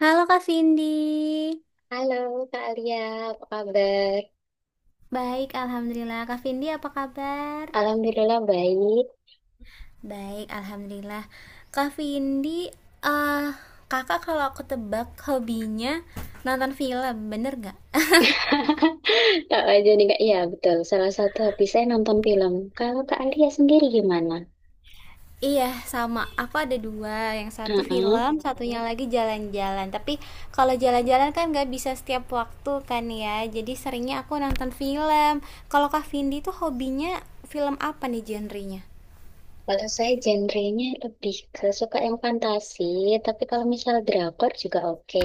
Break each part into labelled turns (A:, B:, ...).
A: Halo Kak Vindi.
B: Halo Kak Alia, apa kabar?
A: Baik, Alhamdulillah. Kak Vindi, apa kabar?
B: Alhamdulillah baik.
A: Baik, Alhamdulillah. Kak Vindi, eh kakak kalau aku tebak hobinya nonton film, bener gak?
B: Kak aja nih Kak, ya betul. Salah satu hobi saya nonton film. Kalau Kak Alia sendiri gimana?
A: Iya, sama. Aku ada dua. Yang satu
B: Heeh.
A: film, satunya lagi jalan-jalan. Tapi kalau jalan-jalan kan nggak bisa setiap waktu kan ya. Jadi seringnya aku nonton film. Kalau Kak Vindi tuh hobinya film apa nih genrenya?
B: Kalau saya genrenya lebih ke suka yang fantasi, tapi kalau misal drakor juga oke.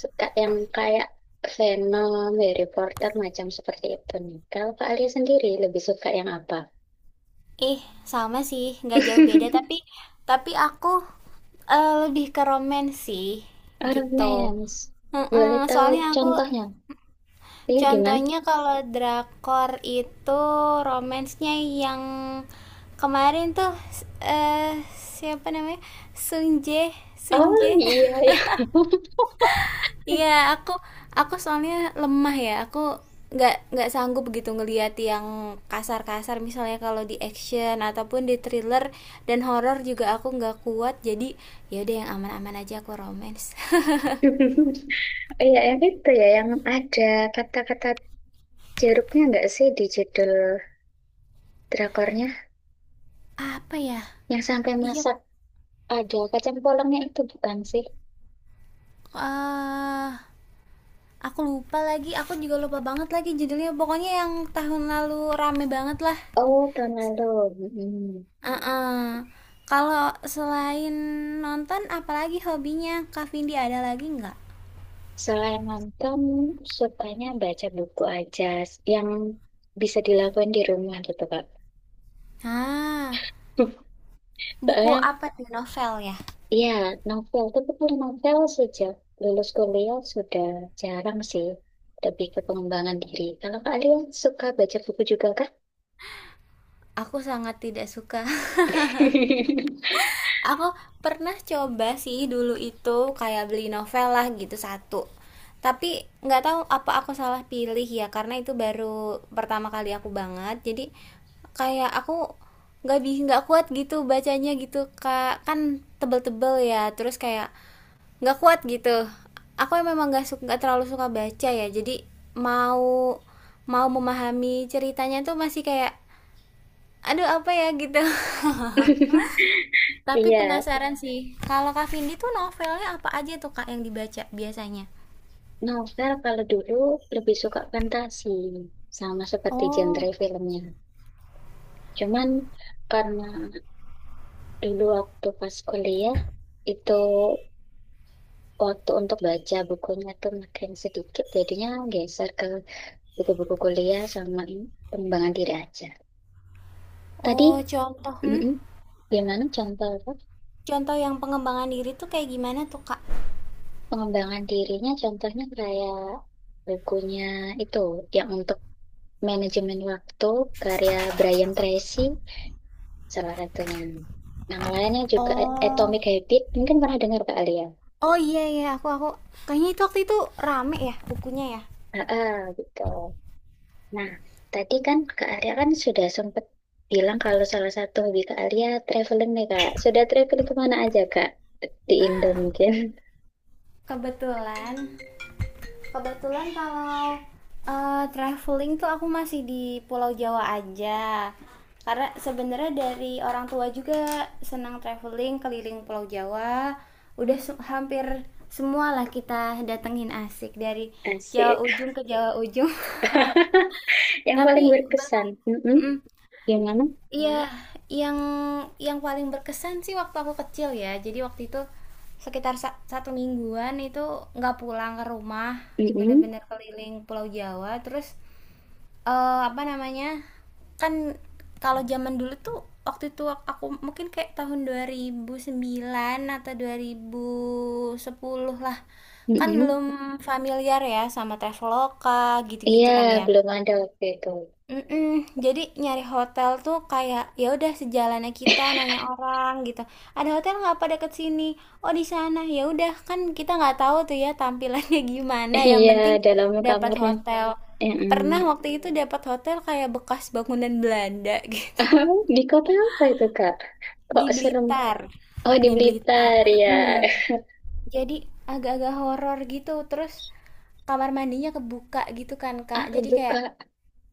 B: Suka yang kayak Venom, Harry Potter, macam seperti itu nih. Kalau Kak Alia sendiri lebih suka yang apa?
A: Ih, sama sih, nggak jauh beda. Tapi, tapi aku lebih ke romance sih, gitu.
B: Romance.
A: Mm-mm,
B: Boleh tahu
A: soalnya aku,
B: contohnya? Iya gimana?
A: contohnya kalau drakor itu romansnya yang kemarin tuh, s- eh, siapa namanya? Sunje,
B: Oh
A: Sunje.
B: iya, iya.
A: Iya, aku aku soalnya lemah ya. Aku nggak sanggup begitu ngelihat yang kasar-kasar misalnya kalau di action ataupun di thriller dan horor juga aku nggak kuat. Jadi ya udah yang aman-aman aja aku romance.
B: Oh, iya yang itu ya yang ada kata-kata jeruknya nggak sih di judul drakornya?
A: Apa ya?
B: Yang sampai
A: Iya,
B: masak ada kacang polongnya itu bukan sih?
A: eh aku lupa lagi. Aku juga lupa banget lagi judulnya. Pokoknya yang tahun lalu rame banget lah.
B: Oh tahun lalu. Mm.
A: Heeh. Kalau selain nonton, apalagi hobinya Kak Vindi ada lagi nggak?
B: Selain nonton, sukanya baca buku aja yang bisa dilakukan di rumah gitu Kak.
A: Ah, buku
B: Soalnya
A: apa tuh? Novel ya?
B: iya, novel. Tapi kalau novel sejak lulus kuliah sudah jarang sih. Lebih ke pengembangan diri. Kalau kalian suka baca buku juga kah?
A: Aku sangat tidak suka. Aku pernah coba sih dulu itu kayak beli novel lah gitu satu. Tapi nggak tahu apa aku salah pilih ya karena itu baru pertama kali aku banget. Jadi kayak aku nggak kuat gitu bacanya gitu kak kan tebel-tebel ya terus kayak nggak kuat gitu aku memang nggak suka nggak terlalu suka baca ya jadi mau mau memahami ceritanya tuh masih kayak aduh apa ya gitu. Tapi
B: Iya,
A: penasaran sih kalau Kak Vindi tuh novelnya apa aja tuh Kak yang dibaca biasanya.
B: novel kalau dulu lebih suka fantasi. Sama seperti genre
A: Oh,
B: filmnya. Cuman karena dulu waktu pas kuliah itu waktu untuk baca bukunya tuh makin sedikit. Jadinya geser ke buku-buku kuliah sama pengembangan diri aja. Tadi
A: oh contoh hmm?
B: mm-mm. Gimana contoh apa?
A: Contoh yang pengembangan diri tuh kayak gimana tuh Kak?
B: Pengembangan dirinya contohnya kayak bukunya itu yang untuk manajemen waktu karya Brian Tracy salah satunya. Yang lainnya juga
A: Oh,
B: Atomic Habit mungkin pernah dengar Kak Alia.
A: oh iya iya aku kayaknya itu waktu itu rame ya bukunya ya.
B: Ah, ah, gitu. Nah, tadi kan Kak Alia kan sudah sempat bilang kalau salah satu hobi Kak Alia traveling nih Kak. Sudah traveling kemana aja Kak? Di Indo mungkin.
A: Kebetulan Kebetulan kalau traveling tuh aku masih di Pulau Jawa aja. Karena sebenarnya dari orang tua juga senang traveling keliling Pulau Jawa. Udah hampir semua lah kita datengin asik dari Jawa
B: Asik.
A: ujung ke Jawa ujung.
B: Yang
A: Tapi
B: paling
A: belum.
B: berkesan. Mm-mm.
A: Mm-mm.
B: Gimana?
A: Iya, yang yang paling berkesan sih waktu aku kecil ya. Jadi waktu itu sekitar satu mingguan itu nggak pulang ke rumah,
B: Mm-mm.
A: bener-bener keliling Pulau Jawa. Terus apa namanya? Kan kalau zaman dulu tuh waktu itu aku mungkin kayak tahun 2009 atau 2010 lah. Kan
B: Mm-mm.
A: belum familiar ya sama Traveloka
B: Iya,
A: gitu-gitu kan ya.
B: belum ada waktu itu.
A: Mhm, jadi nyari hotel tuh kayak ya udah sejalannya kita nanya orang gitu. Ada hotel nggak apa deket sini? Oh di sana. Ya udah kan kita nggak tahu tuh ya tampilannya gimana. Yang
B: Iya,
A: penting
B: dalam
A: dapat
B: kamarnya.
A: hotel.
B: Mm-mm.
A: Pernah waktu itu dapat hotel kayak bekas bangunan Belanda gitu.
B: Di kota apa itu, Kak? Kok
A: Di
B: serem?
A: Blitar.
B: Oh, di
A: Di Blitar.
B: Blitar, ya.
A: Mhm. Jadi agak-agak horor gitu. Terus kamar mandinya kebuka gitu kan Kak.
B: Ah,
A: Jadi kayak,
B: kebuka.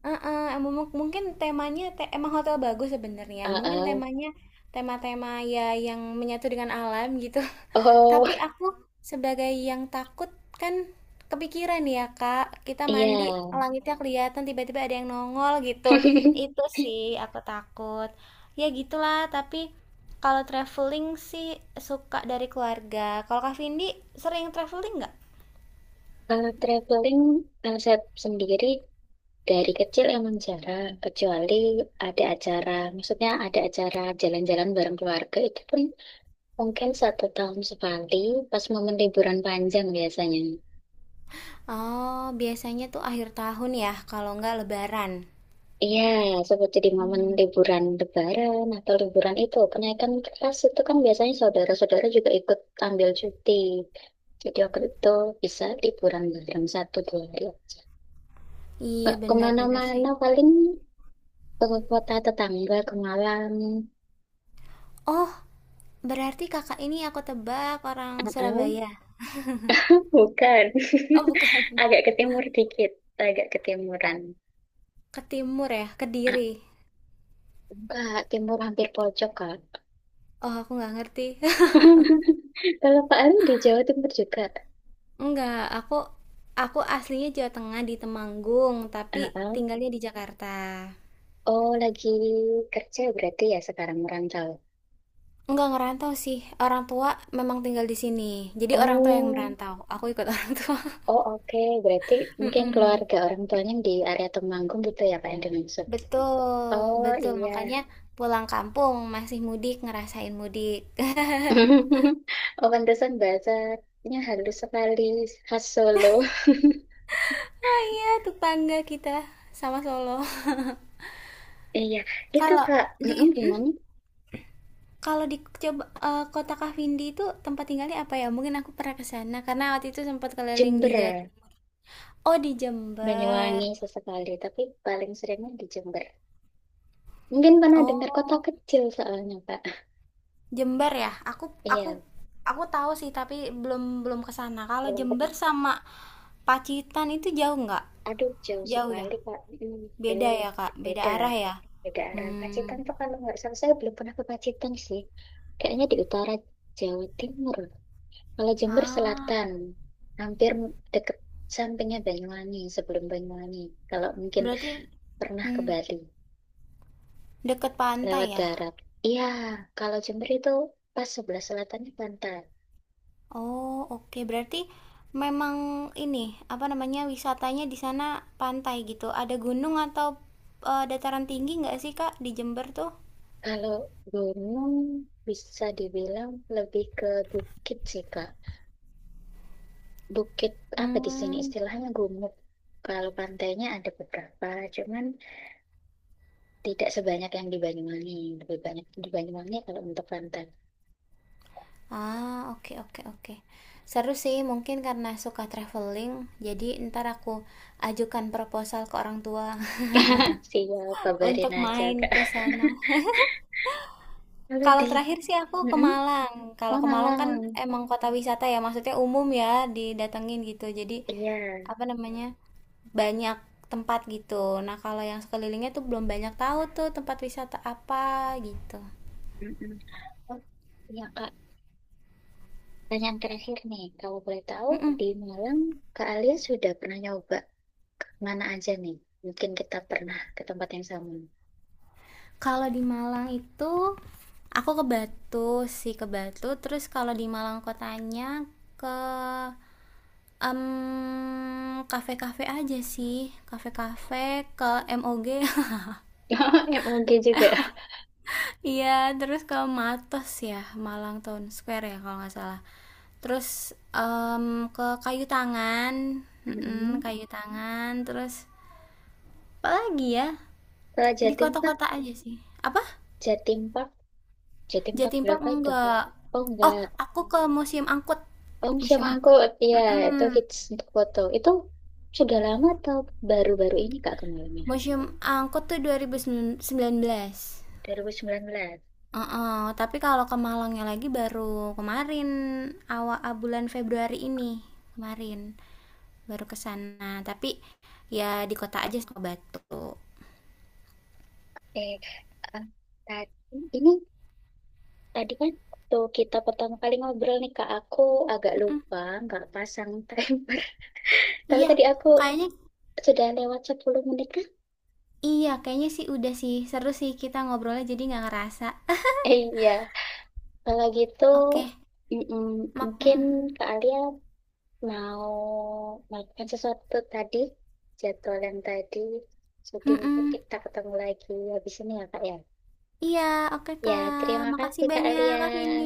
A: heeh, mu mu mungkin temanya emang hotel bagus sebenarnya.
B: Ah,
A: Mungkin
B: ah.
A: temanya tema-tema ya yang menyatu dengan alam gitu.
B: Oh,
A: Tapi aku sebagai yang takut kan kepikiran ya, Kak. Kita mandi,
B: iya.
A: langitnya kelihatan tiba-tiba ada yang nongol gitu. Itu sih aku takut. Ya gitulah, tapi kalau traveling sih suka dari keluarga. Kalau Kak Vindi sering traveling nggak?
B: Kalau traveling, kalau sendiri dari kecil emang jarang, kecuali ada acara, maksudnya ada acara jalan-jalan bareng keluarga, itu pun mungkin satu tahun sekali pas momen liburan panjang biasanya.
A: Oh, biasanya tuh akhir tahun ya, kalau nggak lebaran.
B: Iya, seperti di momen
A: Hmm.
B: liburan Lebaran atau liburan itu, kenaikan kelas itu kan biasanya saudara-saudara juga ikut ambil cuti. Jadi waktu itu bisa liburan bareng satu dua hari aja.
A: Iya,
B: Nggak
A: benar benar sih.
B: kemana-mana paling ke kota tetangga, ke Malang.
A: Oh, berarti Kakak ini aku tebak orang
B: Uh-uh.
A: Surabaya.
B: Bukan,
A: Oh, bukan.
B: agak ke timur dikit, agak ke timuran.
A: Ke timur ya,
B: Ah,
A: Kediri.
B: enggak, timur hampir pojok kak.
A: Oh, aku nggak ngerti.
B: Kalau Pak Aru di Jawa Timur juga.
A: Nggak, aku aslinya Jawa Tengah di Temanggung, tapi
B: Ah,
A: tinggalnya di Jakarta.
B: oh, lagi kerja berarti ya sekarang merantau.
A: Nggak ngerantau sih. Orang tua memang tinggal di sini. Jadi orang tua yang
B: Oh,
A: merantau. Aku ikut orang tua.
B: oh oke. Berarti mungkin
A: Mm-mm.
B: keluarga orang tuanya di area Temanggung gitu ya Pak yang dimaksud.
A: Betul,
B: Oh
A: betul.
B: iya.
A: Makanya pulang kampung masih mudik, ngerasain mudik.
B: Oh, pantesan bahasanya halus sekali khas Solo.
A: Iya, tetangga kita sama Solo.
B: Iya, itu
A: Kalau
B: Kak.
A: di
B: Mm-mm,
A: mhm,
B: gimana?
A: kalau di coba kota Kasindi itu tempat tinggalnya apa ya? Mungkin aku pernah ke sana karena waktu itu sempat keliling di
B: Jember,
A: Jawa. Oh di
B: Banyuwangi
A: Jember.
B: sesekali, tapi paling seringnya di Jember. Mungkin pernah dengar kota
A: Oh,
B: kecil soalnya Pak.
A: Jember ya? Aku
B: Iya.
A: aku tahu sih tapi belum belum ke sana. Kalau
B: Belum pernah.
A: Jember sama Pacitan itu jauh nggak?
B: Aduh, jauh
A: Jauh ya?
B: sekali, Kak. Hmm,
A: Beda
B: jauh.
A: ya, Kak? Beda
B: Beda.
A: arah ya?
B: Beda arah. Pacitan
A: Hmm.
B: tuh kalau nggak salah, saya belum pernah ke Pacitan sih. Kayaknya di utara Jawa Timur. Kalau Jember
A: Ah,
B: Selatan, hampir deket sampingnya Banyuwangi, sebelum Banyuwangi. Kalau mungkin
A: berarti
B: pernah ke
A: hmm,
B: Bali,
A: deket pantai
B: lewat
A: ya?
B: darat. Iya, kalau Jember itu pas sebelah selatannya pantai.
A: Oh, oke. Berarti memang ini, apa namanya, wisatanya di sana pantai gitu. Ada gunung atau dataran tinggi nggak sih, Kak, di Jember tuh?
B: Kalau gunung bisa dibilang lebih ke bukit sih, Kak. Bukit apa di sini
A: Hmm.
B: istilahnya gumuk. Kalau pantainya ada beberapa, cuman tidak sebanyak yang di Banyuwangi. Lebih banyak di Banyuwangi kalau untuk pantai.
A: Ah, oke, oke, oke. Seru sih, mungkin karena suka traveling, jadi ntar aku ajukan proposal ke orang tua
B: Siap, kabarin
A: untuk
B: aja,
A: main
B: Kak.
A: ke sana.
B: Kalau
A: Kalau
B: di
A: terakhir sih aku ke
B: mm-mm.
A: Malang. Kalau
B: Oh,
A: ke Malang kan
B: Malang.
A: emang kota wisata ya, maksudnya umum ya didatengin gitu. Jadi
B: Iya.
A: apa namanya banyak tempat gitu. Nah kalau yang sekelilingnya tuh belum banyak tahu tuh tempat wisata apa gitu.
B: Mm-mm. Oh, iya, Kak. Pertanyaan terakhir nih, kalau boleh tahu
A: Mm-mm.
B: di Malang Kak Alia sudah pernah nyoba mana aja nih? Mungkin kita pernah ke tempat yang sama.
A: Kalau di Malang itu aku ke Batu sih ke Batu. Terus kalau di Malang kotanya ke em, kafe-kafe aja sih, kafe-kafe ke MOG.
B: Ya, oke juga.
A: Iya, terus ke Matos ya, Malang Town Square ya kalau nggak salah. Terus ke Kayu Tangan, mm-mm,
B: Mm-mm.
A: Kayu Tangan, terus apa lagi ya?
B: Kalau
A: Di
B: Jatim Park,
A: kota-kota aja sih. Apa?
B: Jatim Park jadi empat
A: Jatim Park
B: berapa itu?
A: enggak.
B: Oh
A: Oh,
B: enggak.
A: aku ke Museum Angkut.
B: Oh siap
A: Museum Angkut.
B: angkut. Ya, itu
A: Mm-mm.
B: hits untuk foto. Itu sudah lama atau baru-baru ini Kak kemarinnya?
A: Museum Angkut tuh 2019.
B: 2019.
A: Heeh, tapi kalau ke Malangnya lagi baru kemarin awal bulan Februari ini kemarin baru ke sana. Tapi ya di kota aja ke Batu.
B: Eh, eh, tadi ini tadi kan waktu kita pertama kali ngobrol nih Kak, aku agak
A: Mm-mm.
B: lupa nggak pasang timer. Tapi
A: Iya,
B: tadi aku
A: kayaknya
B: sudah lewat 10 menit kan?
A: iya kayaknya sih udah sih seru sih kita ngobrolnya jadi nggak ngerasa.
B: Eh, iya. Kalau gitu
A: Oke,
B: mm-mm,
A: mak.
B: mungkin
A: Mm-mm.
B: Kak Alia mau makan sesuatu tadi, jadwal yang tadi. Jadi mungkin
A: Mm-mm.
B: kita ketemu lagi habis ini ya, Kak ya.
A: Iya, oke
B: Ya,
A: Kak.
B: terima
A: Makasih
B: kasih Kak
A: banyak
B: Alia.
A: Kak Vindi.